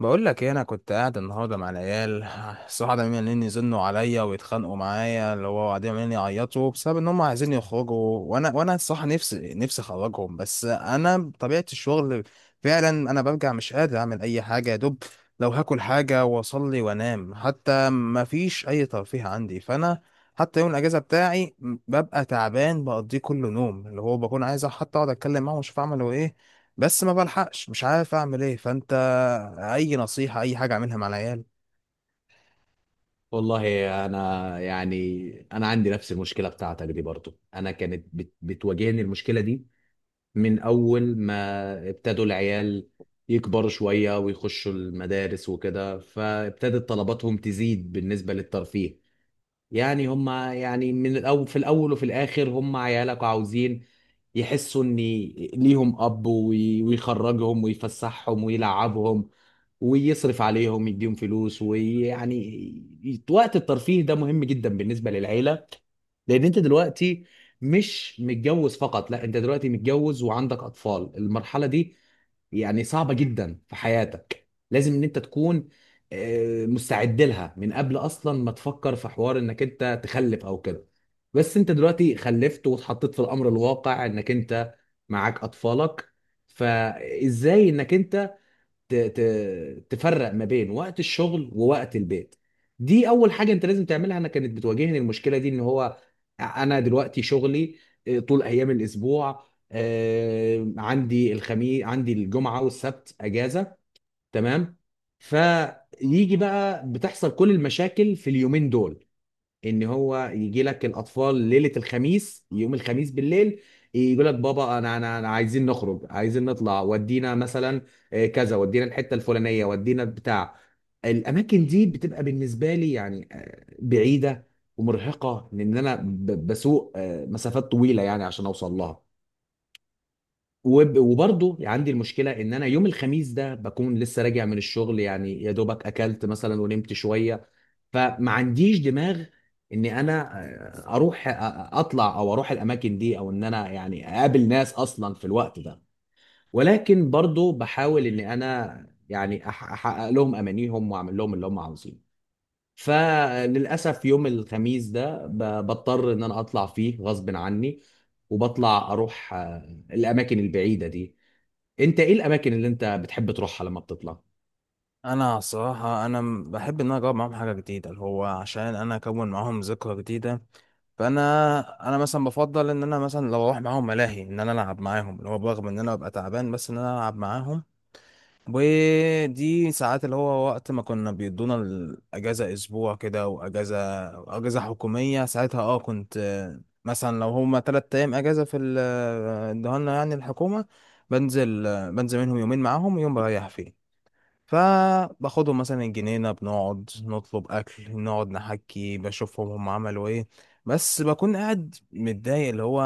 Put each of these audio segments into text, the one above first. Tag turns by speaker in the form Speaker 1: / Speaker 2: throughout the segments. Speaker 1: بقول لك ايه، انا كنت قاعد النهارده مع العيال. الصراحه ده عمالين يزنوا عليا ويتخانقوا معايا، اللي هو قاعدين عمالين يعيطوا بسبب ان هم عايزين يخرجوا. وانا الصراحه نفسي اخرجهم، بس انا بطبيعه الشغل فعلا انا برجع مش قادر اعمل اي حاجه، يا دوب لو هاكل حاجه واصلي وانام، حتى ما فيش اي ترفيه عندي. فانا حتى يوم الاجازه بتاعي ببقى تعبان بقضيه كله نوم، اللي هو بكون عايز حتى اقعد اتكلم معاهم واشوف اعملوا ايه، بس ما بلحقش، مش عارف اعمل ايه. فانت اي نصيحة، اي حاجة اعملها مع العيال؟
Speaker 2: والله، انا يعني انا عندي نفس المشكله بتاعتك دي. برضو انا كانت بتواجهني المشكله دي من اول ما ابتدوا العيال يكبروا شويه ويخشوا المدارس وكده، فابتدت طلباتهم تزيد بالنسبه للترفيه. يعني هم، يعني من الاول، في الاول وفي الاخر هم عيالك وعاوزين يحسوا ان ليهم اب ويخرجهم ويفسحهم ويلعبهم ويصرف عليهم يديهم فلوس، ويعني وقت الترفيه ده مهم جدا بالنسبة للعيلة. لان انت دلوقتي مش متجوز فقط، لا، انت دلوقتي متجوز وعندك اطفال. المرحله دي يعني صعبه جدا في حياتك، لازم ان انت تكون مستعد لها من قبل اصلا ما تفكر في حوار انك انت تخلف او كده. بس انت دلوقتي خلفت واتحطيت في الامر الواقع انك انت معاك اطفالك، فازاي انك انت تفرق ما بين وقت الشغل ووقت البيت؟ دي اول حاجه انت لازم تعملها. انا كانت بتواجهني المشكله دي، ان هو انا دلوقتي شغلي طول ايام الاسبوع، عندي الخميس، عندي الجمعه والسبت اجازه. تمام. فيجي بقى بتحصل كل المشاكل في اليومين دول، ان هو يجي لك الاطفال ليله الخميس، يوم الخميس بالليل يقول لك: بابا، انا انا أنا عايزين نخرج، عايزين نطلع، ودينا مثلا كذا، ودينا الحته الفلانيه، ودينا بتاع. الاماكن دي بتبقى بالنسبه لي يعني بعيده ومرهقه، لان انا بسوق مسافات طويله يعني عشان اوصل لها. وبرضه عندي المشكله ان انا يوم الخميس ده بكون لسه راجع من الشغل، يعني يا دوبك اكلت مثلا ونمت شويه، فما عنديش دماغ ان انا اروح اطلع او اروح الاماكن دي، او ان انا يعني اقابل ناس اصلا في الوقت ده. ولكن برضه بحاول ان انا يعني احقق لهم امانيهم واعمل لهم اللي هم عاوزينه. فللاسف يوم الخميس ده بضطر ان انا اطلع فيه غصب عني، وبطلع اروح الاماكن البعيده دي. انت ايه الاماكن اللي انت بتحب تروحها لما بتطلع؟
Speaker 1: انا صراحة انا بحب ان انا اجرب معاهم حاجة جديدة، اللي هو عشان انا اكون معاهم ذكرى جديدة. فانا انا مثلا بفضل ان انا مثلا لو اروح معاهم ملاهي ان انا العب معاهم، اللي هو برغم ان انا ببقى تعبان بس ان انا العب معاهم. ودي ساعات اللي هو وقت ما كنا بيدونا الأجازة أسبوع كده، وأجازة حكومية ساعتها اه كنت، مثلا لو هما تلات أيام أجازة في ادوها لنا يعني الحكومة، بنزل بنزل منهم يومين معاهم ويوم بريح فيه. فباخدهم مثلا الجنينة، بنقعد نطلب أكل، نقعد نحكي، بشوفهم هم عملوا إيه. بس بكون قاعد متضايق اللي هو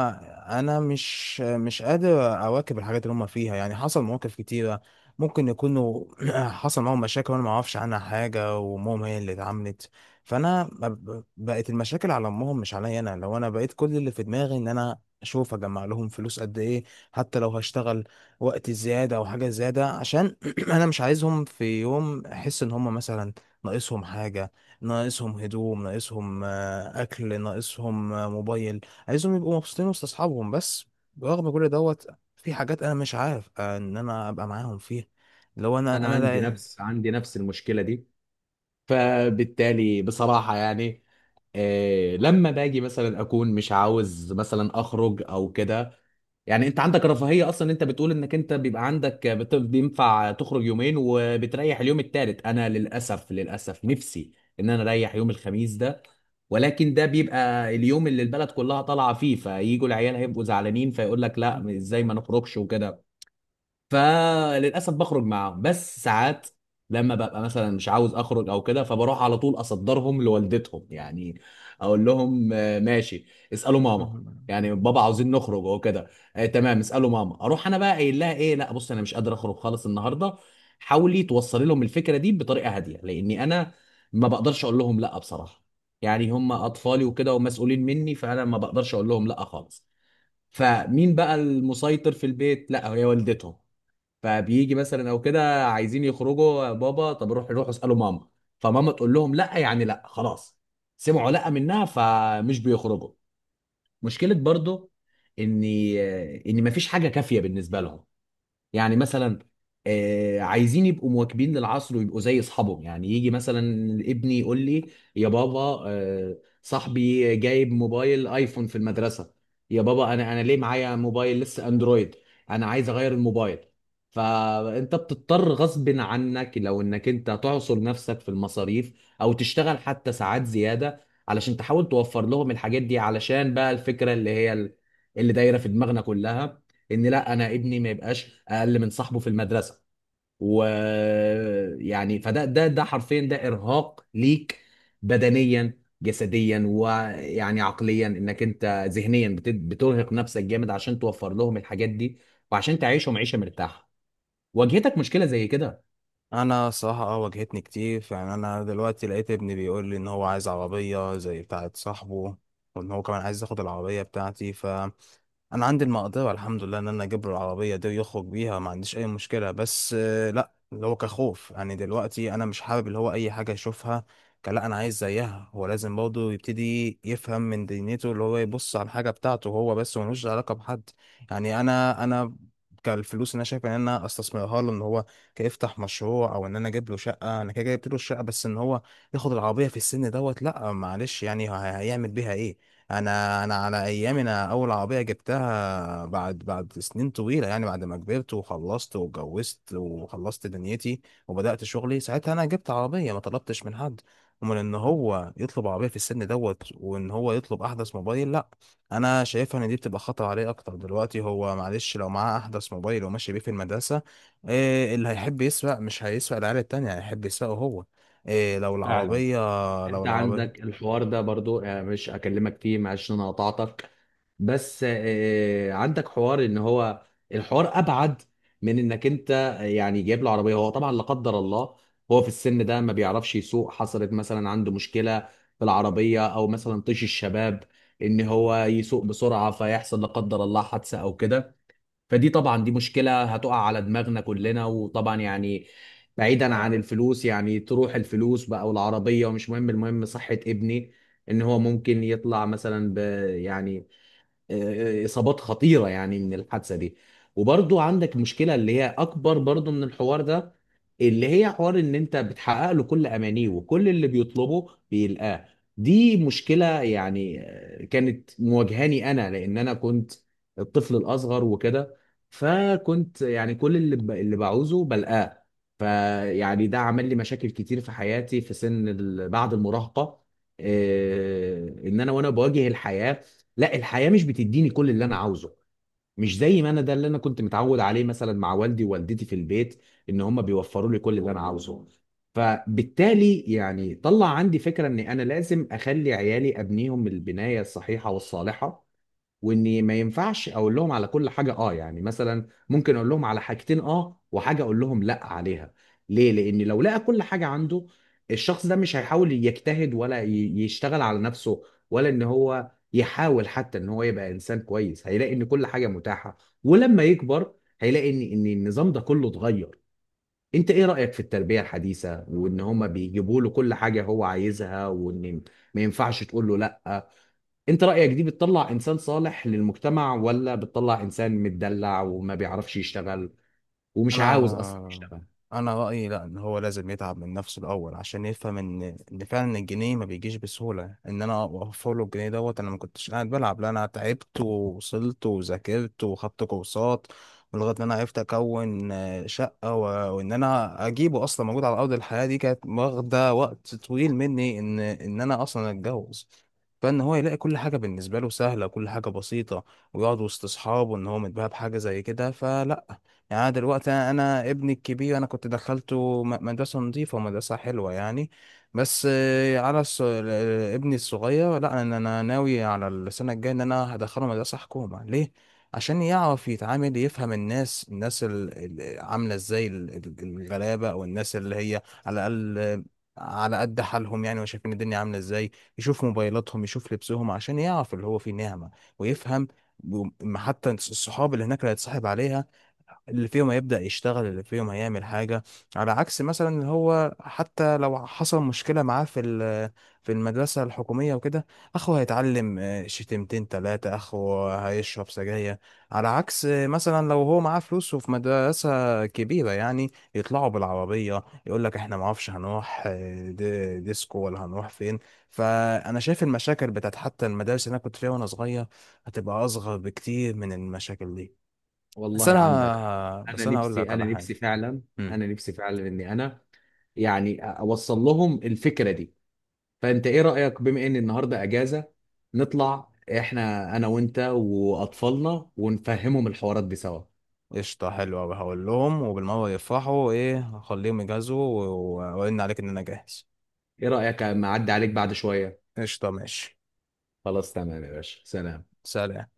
Speaker 1: أنا مش قادر أواكب الحاجات اللي هم فيها. يعني حصل مواقف كتيرة ممكن يكونوا حصل معاهم مشاكل وأنا معرفش عنها حاجة، وأمهم هي اللي اتعملت. فأنا بقت المشاكل على أمهم مش عليا أنا. لو أنا بقيت كل اللي في دماغي إن أنا أشوف أجمع لهم فلوس قد إيه، حتى لو هشتغل وقت زيادة أو حاجة زيادة، عشان انا مش عايزهم في يوم احس ان هم مثلا ناقصهم حاجه، ناقصهم هدوم، ناقصهم اكل، ناقصهم موبايل. عايزهم يبقوا مبسوطين وسط اصحابهم. بس برغم كل دوت في حاجات انا مش عارف ان انا ابقى معاهم فيها. لو انا
Speaker 2: انا
Speaker 1: انا
Speaker 2: عندي نفس المشكله دي. فبالتالي بصراحه يعني، لما باجي مثلا اكون مش عاوز مثلا اخرج او كده. يعني انت عندك رفاهيه اصلا، انت بتقول انك انت بيبقى عندك بينفع تخرج يومين وبتريح اليوم التالت. انا للاسف نفسي ان انا اريح يوم الخميس ده، ولكن ده بيبقى اليوم اللي البلد كلها طالعه فيه، فيجوا العيال هيبقوا زعلانين، فيقول لك: لا، ازاي ما نخرجش وكده. فللاسف بخرج معاهم. بس ساعات لما ببقى مثلا مش عاوز اخرج او كده، فبروح على طول اصدرهم لوالدتهم، يعني اقول لهم ماشي، اسالوا ماما.
Speaker 1: لا.
Speaker 2: يعني: بابا عاوزين نخرج وكده. آه، تمام، اسالوا ماما. اروح انا بقى قايل لها ايه؟ لا، بص، انا مش قادر اخرج خالص النهارده، حاولي توصلي لهم الفكره دي بطريقه هاديه، لاني انا ما بقدرش اقول لهم لا بصراحه. يعني هم اطفالي وكده ومسؤولين مني، فانا ما بقدرش اقول لهم لا خالص. فمين بقى المسيطر في البيت؟ لا، هي والدتهم. فبيجي مثلا او كده عايزين يخرجوا يا بابا، طب روحوا اسالوا ماما. فماما تقول لهم لا، يعني لا، خلاص. سمعوا لا منها، فمش بيخرجوا. مشكله برضو ان ان مفيش حاجه كافيه بالنسبه لهم. يعني مثلا، عايزين يبقوا مواكبين للعصر ويبقوا زي اصحابهم. يعني يجي مثلا ابني يقول لي: يا بابا، صاحبي جايب موبايل ايفون في المدرسة. يا بابا، انا ليه معايا موبايل لسه اندرويد؟ انا عايز اغير الموبايل. فانت بتضطر غصب عنك لو انك انت تعصر نفسك في المصاريف او تشتغل حتى ساعات زيادة، علشان تحاول توفر لهم الحاجات دي، علشان بقى الفكرة اللي هي اللي دايرة في دماغنا كلها ان لا، انا ابني ما يبقاش اقل من صاحبه في المدرسه. ويعني فده ده ده حرفيا ده ارهاق ليك بدنيا جسديا، ويعني عقليا انك انت ذهنيا بترهق نفسك جامد عشان توفر لهم الحاجات دي وعشان تعيشهم عيشه مرتاحه. واجهتك مشكله زي كده؟
Speaker 1: انا صراحة اه واجهتني كتير. يعني انا دلوقتي لقيت ابني بيقول لي ان هو عايز عربية زي بتاعة صاحبه، وان هو كمان عايز ياخد العربية بتاعتي. ف انا عندي المقدرة الحمد لله ان انا اجيب له العربية دي ويخرج بيها، ما عنديش اي مشكلة، بس لا، اللي هو كخوف. يعني دلوقتي انا مش حابب اللي هو اي حاجة يشوفها كان لا انا عايز زيها. هو لازم برضه يبتدي يفهم من دنيته اللي هو يبص على الحاجة بتاعته هو بس، وملوش علاقة بحد. يعني انا كالفلوس اللي انا شايف ان انا استثمرها له ان هو كيفتح مشروع، او ان انا اجيب له شقه. انا كده جبت له الشقه، بس ان هو ياخد العربيه في السن دوت لا، معلش. يعني هيعمل بيها ايه؟ انا انا على ايامي انا اول عربيه جبتها بعد سنين طويله، يعني بعد ما كبرت وخلصت واتجوزت وخلصت دنيتي وبدات شغلي، ساعتها انا جبت عربيه. ما طلبتش من حد. ومن ان هو يطلب عربيه في السن دوت وان هو يطلب احدث موبايل، لا. انا شايفها ان دي بتبقى خطر عليه اكتر. دلوقتي هو معلش لو معاه احدث موبايل وماشي بيه في المدرسه، إيه اللي هيحب يسوق؟ مش هيسوق العيال التانية، هيحب يسوقه هو. إيه لو
Speaker 2: فعلا.
Speaker 1: العربية، لو
Speaker 2: انت
Speaker 1: العربية
Speaker 2: عندك الحوار ده برضو، مش اكلمك فيه، معلش إن انا قطعتك. بس عندك حوار ان هو الحوار ابعد من انك انت يعني جايب له عربيه. هو طبعا لا قدر الله هو في السن ده ما بيعرفش يسوق، حصلت مثلا عنده مشكله في العربيه، او مثلا طيش الشباب، ان هو يسوق بسرعه فيحصل لا قدر الله حادثه او كده. فدي طبعا دي مشكله هتقع على دماغنا كلنا، وطبعا يعني بعيدا عن الفلوس، يعني تروح الفلوس بقى والعربيه ومش مهم، المهم صحه ابني. ان هو ممكن يطلع مثلا يعني اصابات خطيره يعني من الحادثه دي. وبرضو عندك مشكله اللي هي اكبر برضو من الحوار ده، اللي هي حوار ان انت بتحقق له كل امانيه وكل اللي بيطلبه بيلقاه. دي مشكله يعني كانت مواجهاني انا، لان انا كنت الطفل الاصغر وكده. فكنت يعني كل اللي بعوزه بلقاه. فيعني ده عمل لي مشاكل كتير في حياتي في بعد المراهقه. ان انا وانا بواجه الحياه، لا، الحياه مش بتديني كل اللي انا عاوزه، مش زي ما انا ده اللي انا كنت متعود عليه مثلا مع والدي ووالدتي في البيت، ان هم بيوفروا لي كل اللي انا عاوزه. فبالتالي يعني طلع عندي فكره ان انا لازم اخلي عيالي ابنيهم البنايه الصحيحه والصالحه، واني ما ينفعش اقول لهم على كل حاجه اه. يعني مثلا ممكن اقول لهم على حاجتين اه وحاجه اقول لهم لا عليها. ليه؟ لان لو لقى كل حاجه عنده، الشخص ده مش هيحاول يجتهد ولا يشتغل على نفسه، ولا ان هو يحاول حتى ان هو يبقى انسان كويس. هيلاقي ان كل حاجه متاحه، ولما يكبر هيلاقي ان النظام ده كله اتغير. انت ايه رايك في التربيه الحديثه، وان هما بيجيبوا له كل حاجه هو عايزها، وان ما ينفعش تقول له لا؟ انت رأيك دي بتطلع انسان صالح للمجتمع ولا بتطلع انسان متدلع وما بيعرفش يشتغل ومش عاوز اصلا
Speaker 1: انا
Speaker 2: يشتغل؟
Speaker 1: انا رايي لا. ان هو لازم يتعب من نفسه الاول عشان يفهم ان ان فعلا الجنيه ما بيجيش بسهوله، ان انا اوفر له الجنيه دوت انا ما كنتش قاعد بلعب. لا، انا تعبت ووصلت وذاكرت وخدت كورسات لغايه ان انا عرفت اكون شقه و... وان انا اجيبه اصلا موجود على ارض الحياه دي، كانت واخده وقت طويل مني ان ان انا اصلا اتجوز. فان هو يلاقي كل حاجه بالنسبه له سهله، كل حاجه بسيطه، ويقعد وسط اصحابه ان هو متباهى بحاجه زي كده، فلا. يعني أنا دلوقتي انا ابني الكبير انا كنت دخلته مدرسه نظيفه ومدرسه حلوه يعني. بس على الص... ابني الصغير لا. انا أنا ناوي على السنه الجايه ان انا هدخله مدرسه حكومه. ليه؟ عشان يعرف يتعامل، يفهم الناس الناس عامله ازاي، الغلابه او الناس اللي هي على الاقل على قد حالهم يعني، وشايفين الدنيا عامله ازاي. يشوف موبايلاتهم، يشوف لبسهم، عشان يعرف اللي هو فيه نعمه ويفهم. حتى الصحاب اللي هناك اللي هيتصاحب عليها، اللي فيهم هيبدأ يشتغل، اللي فيهم هيعمل حاجة. على عكس مثلا اللي هو حتى لو حصل مشكلة معاه في في المدرسة الحكومية وكده، أخوه هيتعلم شتيمتين تلاتة، أخوه هيشرب سجاير. على عكس مثلا لو هو معاه فلوس وفي مدرسة كبيرة، يعني يطلعوا بالعربية يقول لك احنا معرفش هنروح ديسكو ولا هنروح فين. فأنا شايف المشاكل بتاعت حتى المدارس اللي أنا كنت فيها وأنا صغير هتبقى أصغر بكتير من المشاكل دي. بس
Speaker 2: والله عندك حق.
Speaker 1: انا
Speaker 2: انا
Speaker 1: بس انا هقول
Speaker 2: نفسي
Speaker 1: لك
Speaker 2: انا
Speaker 1: على حاجه.
Speaker 2: نفسي فعلا
Speaker 1: امم
Speaker 2: انا نفسي فعلا اني يعني اوصل لهم الفكرة دي. فانت ايه رأيك، بما ان النهاردة اجازة، نطلع احنا انا وانت واطفالنا ونفهمهم الحوارات دي سوا؟
Speaker 1: قشطه، حلوه قوي، هقول لهم وبالمره يفرحوا. ايه، هخليهم يجهزوا واقول عليك ان انا جاهز.
Speaker 2: ايه رأيك اما اعدي عليك بعد شوية؟
Speaker 1: قشطه، ماشي.
Speaker 2: خلاص، تمام يا باشا، سلام.
Speaker 1: سلام.